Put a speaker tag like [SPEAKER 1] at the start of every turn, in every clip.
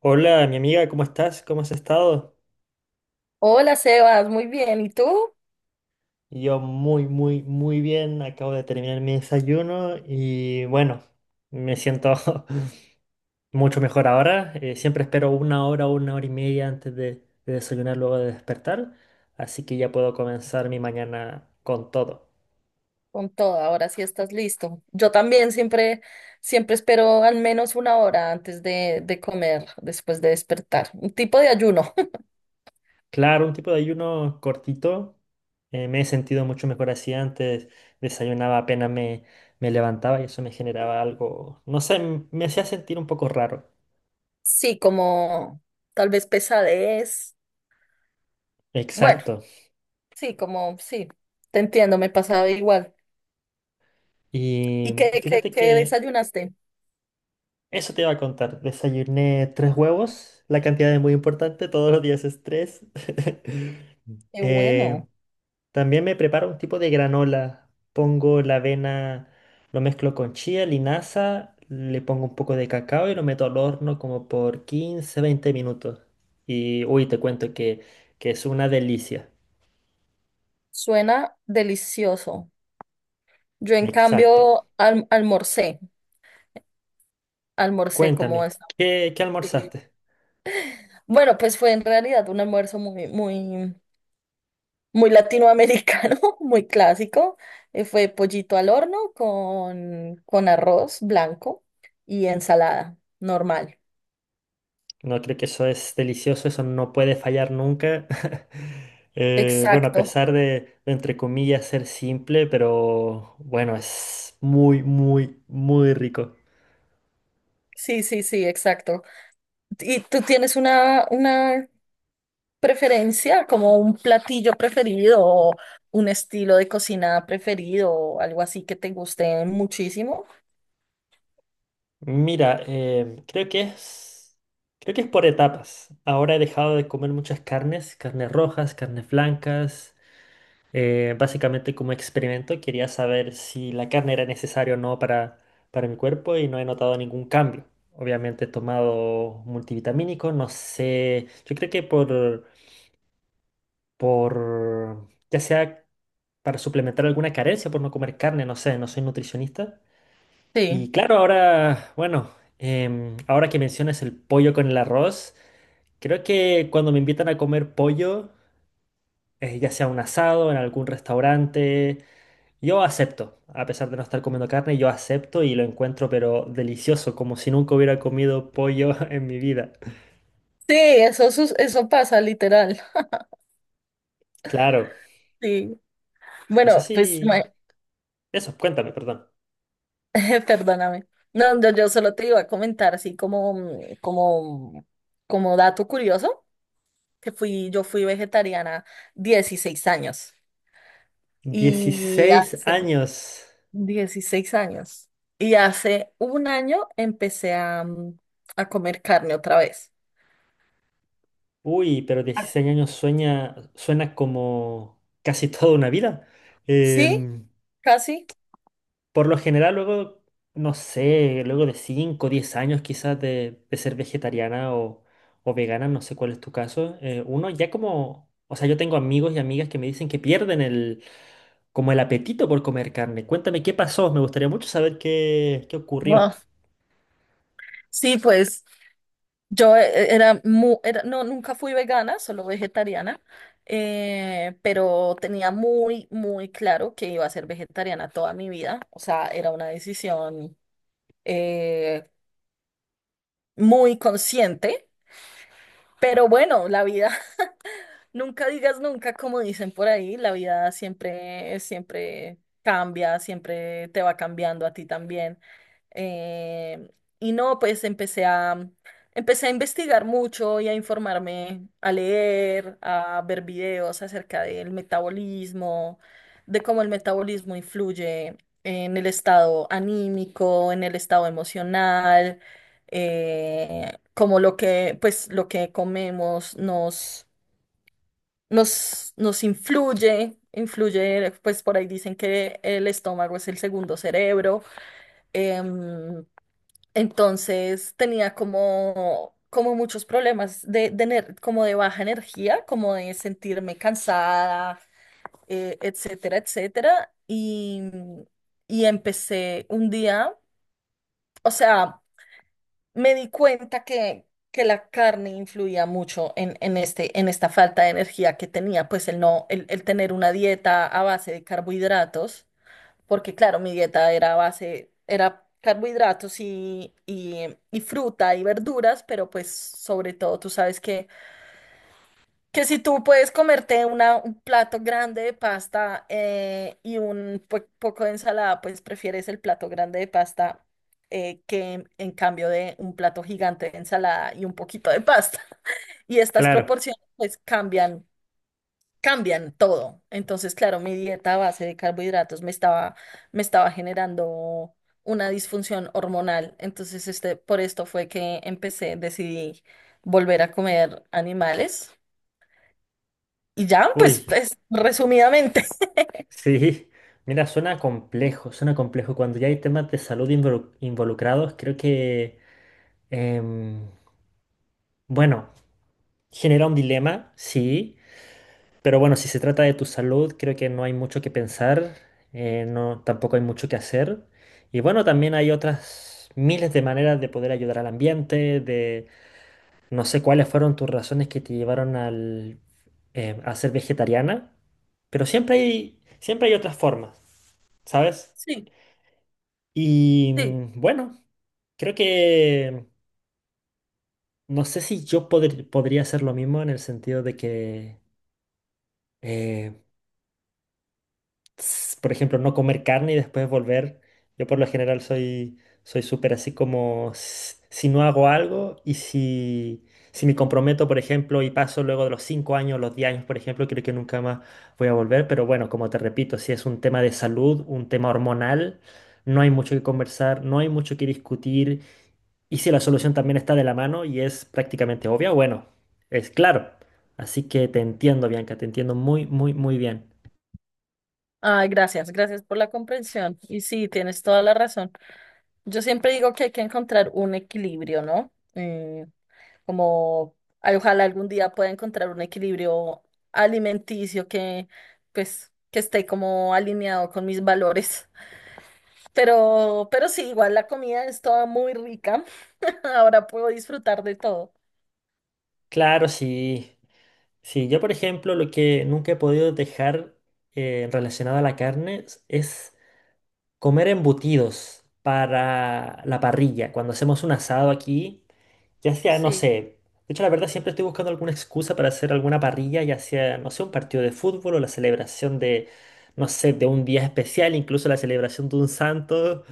[SPEAKER 1] Hola, mi amiga, ¿cómo estás? ¿Cómo has estado?
[SPEAKER 2] Hola Sebas, muy bien. ¿Y tú?
[SPEAKER 1] Yo muy, muy, muy bien. Acabo de terminar mi desayuno y bueno, me siento mucho mejor ahora. Siempre espero una hora o una hora y media de desayunar luego de despertar, así que ya puedo comenzar mi mañana con todo.
[SPEAKER 2] Con todo, ahora sí estás listo. Yo también siempre, siempre espero al menos una hora antes de comer, después de despertar. Un tipo de ayuno.
[SPEAKER 1] Claro, un tipo de ayuno cortito. Me he sentido mucho mejor así antes. Desayunaba apenas me, Me levantaba y eso me generaba algo, no sé, me hacía sentir un poco raro.
[SPEAKER 2] Sí, como tal vez pesadez. Bueno,
[SPEAKER 1] Exacto.
[SPEAKER 2] sí, como sí, te entiendo, me pasaba igual.
[SPEAKER 1] Y
[SPEAKER 2] ¿Y qué, qué,
[SPEAKER 1] fíjate
[SPEAKER 2] qué
[SPEAKER 1] que
[SPEAKER 2] desayunaste?
[SPEAKER 1] eso te iba a contar. Desayuné tres huevos, la cantidad es muy importante, todos los días es tres.
[SPEAKER 2] Qué
[SPEAKER 1] Eh,
[SPEAKER 2] bueno,
[SPEAKER 1] También me preparo un tipo de granola. Pongo la avena, lo mezclo con chía, linaza, le pongo un poco de cacao y lo meto al horno como por 15 20 minutos. Y uy, que es una delicia.
[SPEAKER 2] suena delicioso. Yo en
[SPEAKER 1] Exacto.
[SPEAKER 2] cambio almorcé, almorcé como
[SPEAKER 1] Cuéntame,
[SPEAKER 2] esta.
[SPEAKER 1] qué almorzaste?
[SPEAKER 2] Bueno, pues fue en realidad un almuerzo muy, muy, muy latinoamericano, muy clásico. Fue pollito al horno con arroz blanco y ensalada normal.
[SPEAKER 1] No, creo que eso es delicioso, eso no puede fallar nunca. Bueno,
[SPEAKER 2] Exacto.
[SPEAKER 1] de, entre comillas, ser simple, pero bueno, es muy, muy, muy rico.
[SPEAKER 2] Sí, sí, sí, exacto. ¿Y tú tienes una preferencia, como un platillo preferido o un estilo de cocina preferido o algo así que te guste muchísimo?
[SPEAKER 1] Mira, creo que es por etapas. Ahora he dejado de comer muchas carnes, carnes rojas, carnes blancas. Básicamente como experimento quería saber si la carne era necesaria o no para mi cuerpo y no he notado ningún cambio. Obviamente he tomado multivitamínicos, no sé, yo creo que ya sea para suplementar alguna carencia por no comer carne, no sé, no soy nutricionista. Y
[SPEAKER 2] Sí.
[SPEAKER 1] claro, ahora, bueno, ahora que mencionas el pollo con el arroz, creo que cuando me invitan a comer pollo, ya sea un asado, en algún restaurante, yo acepto, a pesar de no estar comiendo carne, yo acepto y lo encuentro pero delicioso, como si nunca hubiera comido pollo en mi vida.
[SPEAKER 2] Sí, eso, eso pasa literal.
[SPEAKER 1] Claro,
[SPEAKER 2] Sí.
[SPEAKER 1] no sé
[SPEAKER 2] Bueno, pues,
[SPEAKER 1] si... Eso, cuéntame, perdón.
[SPEAKER 2] perdóname. No, yo solo te iba a comentar así como como dato curioso, que yo fui vegetariana 16 años y
[SPEAKER 1] Dieciséis
[SPEAKER 2] hace
[SPEAKER 1] años.
[SPEAKER 2] 16 años. Y hace un año empecé a a comer carne otra vez.
[SPEAKER 1] Uy, pero
[SPEAKER 2] Ah,
[SPEAKER 1] dieciséis años sueña, suena como casi toda una vida.
[SPEAKER 2] sí,
[SPEAKER 1] Em,
[SPEAKER 2] casi.
[SPEAKER 1] Por lo general, luego, no sé, luego de 5, o 10 años quizás de ser vegetariana o vegana, no sé cuál es tu caso, uno ya como, o sea, yo tengo amigos y amigas que me dicen que pierden el, como el apetito por comer carne. Cuéntame qué pasó, me gustaría mucho saber qué ocurrió.
[SPEAKER 2] Wow. Sí, pues. Yo no, nunca fui vegana, solo vegetariana, pero tenía muy, muy claro que iba a ser vegetariana toda mi vida. O sea, era una decisión eh, muy consciente, pero bueno, la vida, nunca digas nunca, como dicen por ahí, la vida siempre, siempre cambia, siempre te va cambiando a ti también. Eh, y no, pues empecé a investigar mucho y a informarme, a leer, a ver videos acerca del metabolismo, de cómo el metabolismo influye en el estado anímico, en el estado emocional, cómo lo lo que nos influye. Influye, pues por ahí dicen que el estómago es el segundo cerebro. em, entonces tenía como muchos problemas de como de baja energía, como de sentirme cansada, etcétera, etcétera. Y empecé un día, o sea, me di cuenta que la carne influía mucho en este, en esta falta de energía que tenía, pues el no, el tener una dieta a base de carbohidratos porque claro, mi dieta era base, era carbohidratos y fruta y verduras, pero pues sobre todo tú sabes que si tú puedes comerte una, un plato grande de pasta y un poco de ensalada, pues prefieres el plato grande de pasta que en cambio de un plato gigante de ensalada y un poquito de pasta. Y estas
[SPEAKER 1] Claro,
[SPEAKER 2] proporciones pues cambian todo. Entonces, claro, mi dieta a base de carbohidratos me estaba generando una disfunción hormonal. Entonces, este, por esto fue que empecé, decidí volver a comer animales. Y ya, pues,
[SPEAKER 1] uy,
[SPEAKER 2] pues, resumidamente.
[SPEAKER 1] sí. Mira, suena complejo, suena complejo. Cuando ya hay temas de salud involu- involucrados, em, bueno, genera un dilema, sí. Pero bueno, si se trata de tu salud, creo que no hay mucho que pensar, no, tampoco hay mucho que hacer. Y bueno, también hay otras miles de maneras de poder ayudar al ambiente, de no sé cuáles fueron tus razones que te llevaron al, a ser vegetariana, pero siempre hay otras formas, ¿sabes?
[SPEAKER 2] Sí,
[SPEAKER 1] Y
[SPEAKER 2] sí.
[SPEAKER 1] bueno, creo que no sé si yo podría hacer lo mismo en el sentido de que... eh, por ejemplo, no comer carne y después volver. Yo por lo general soy súper así como si no hago algo y si me comprometo, por ejemplo, y paso luego de los 5 años, los 10 años, por ejemplo, creo que nunca más voy a volver, pero bueno, como te repito, si es un tema de salud, un tema hormonal, no hay mucho que conversar, no hay mucho que discutir y si la solución también está de la mano y es prácticamente obvia, bueno, es claro. Así que te entiendo, Bianca, te entiendo muy, muy, muy bien.
[SPEAKER 2] Ay, gracias, gracias por la comprensión. Y sí, tienes toda la razón. Yo siempre digo que hay que encontrar un equilibrio, ¿no? Como ay, ojalá algún día pueda encontrar un equilibrio alimenticio que pues que esté como alineado con mis valores. Pero sí, igual la comida es toda muy rica. Ahora puedo disfrutar de todo.
[SPEAKER 1] Claro, sí. Sí, yo por ejemplo lo que nunca he podido dejar relacionado a la carne es comer embutidos para la parrilla, cuando hacemos un asado aquí, ya sea, no sé,
[SPEAKER 2] Sí,
[SPEAKER 1] de hecho la verdad siempre estoy buscando alguna excusa para hacer alguna parrilla, ya sea, no sé, un partido de fútbol o la celebración de, no sé, de un día especial, incluso la celebración de un santo.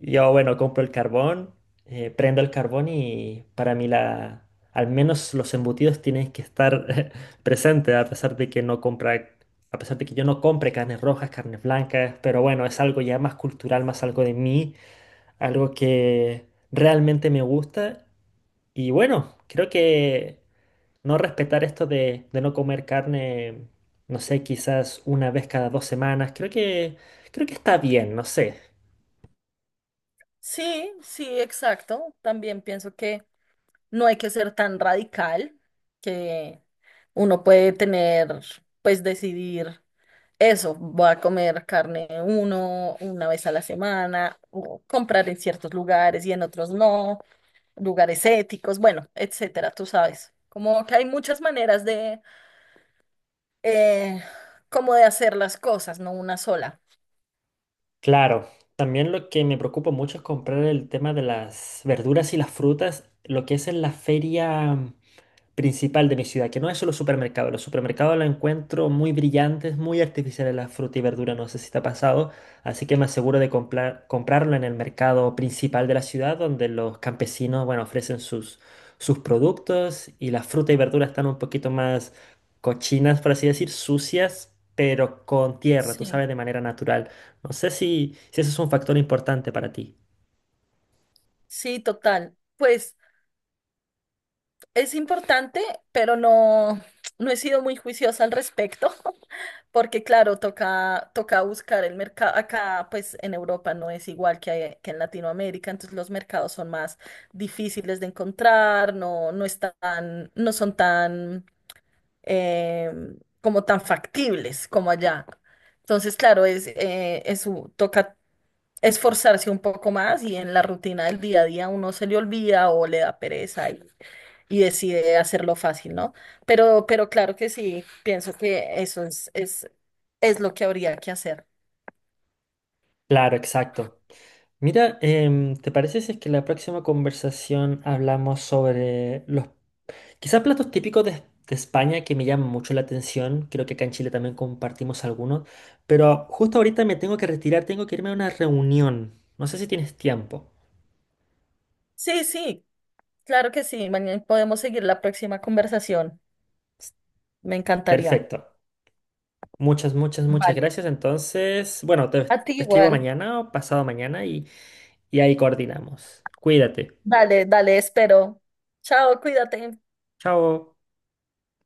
[SPEAKER 1] Yo, bueno, compro el carbón, prendo el carbón y para mí al menos los embutidos tienen que estar presentes, a pesar de que no compra a pesar de que yo no compre carnes rojas, carnes blancas, pero bueno, es algo ya más cultural, más algo de mí, algo que realmente me gusta. Y bueno, creo que no respetar esto de no comer carne, no sé, quizás una vez cada dos semanas, creo que está bien, no sé.
[SPEAKER 2] sí, sí, exacto. También pienso que no hay que ser tan radical, que uno puede tener, pues decidir. Eso, voy a comer carne una vez a la semana, o comprar en ciertos lugares y en otros no, lugares éticos, bueno, etcétera, tú sabes. Como que hay muchas maneras de, eh, como de hacer las cosas, no una sola.
[SPEAKER 1] Claro, también lo que me preocupa mucho es comprar el tema de las verduras y las frutas, lo que es en la feria principal de mi ciudad, que no es solo supermercado. Los supermercados los encuentro muy brillantes, muy artificiales las frutas y verduras, no sé si te ha pasado, así que me aseguro de comprarlo en el mercado principal de la ciudad, donde los campesinos, bueno, ofrecen sus productos y las frutas y verduras están un poquito más cochinas, por así decir, sucias, pero con tierra, tú
[SPEAKER 2] Sí,
[SPEAKER 1] sabes, de manera natural. No sé si eso es un factor importante para ti.
[SPEAKER 2] sí, total. Pues es importante, pero no, no he sido muy juiciosa al respecto, porque claro, toca, toca buscar el mercado. Acá, pues en Europa no es igual que en Latinoamérica, entonces los mercados son más difíciles de encontrar, no, no están, no son tan eh, como tan factibles como allá. Entonces, claro, es toca esforzarse un poco más y en la rutina del día a día uno se le olvida o le da pereza y decide hacerlo fácil, ¿no? Pero claro que sí, pienso que eso es lo que habría que hacer.
[SPEAKER 1] Claro, exacto. Mira, ¿te parece si es que la próxima conversación hablamos sobre los quizás platos típicos de España que me llaman mucho la atención? Creo que acá en Chile también compartimos algunos, pero justo ahorita me tengo que retirar, tengo que irme a una reunión. No sé si tienes tiempo.
[SPEAKER 2] Sí, sí, claro que sí. Mañana podemos seguir la próxima conversación. Me encantaría.
[SPEAKER 1] Perfecto. Muchas, muchas, muchas
[SPEAKER 2] Vale.
[SPEAKER 1] gracias. Entonces, bueno, te,
[SPEAKER 2] A ti
[SPEAKER 1] te escribo
[SPEAKER 2] igual.
[SPEAKER 1] mañana o pasado mañana y ahí coordinamos. Cuídate.
[SPEAKER 2] Dale, dale, espero. Chao, cuídate.
[SPEAKER 1] Chao.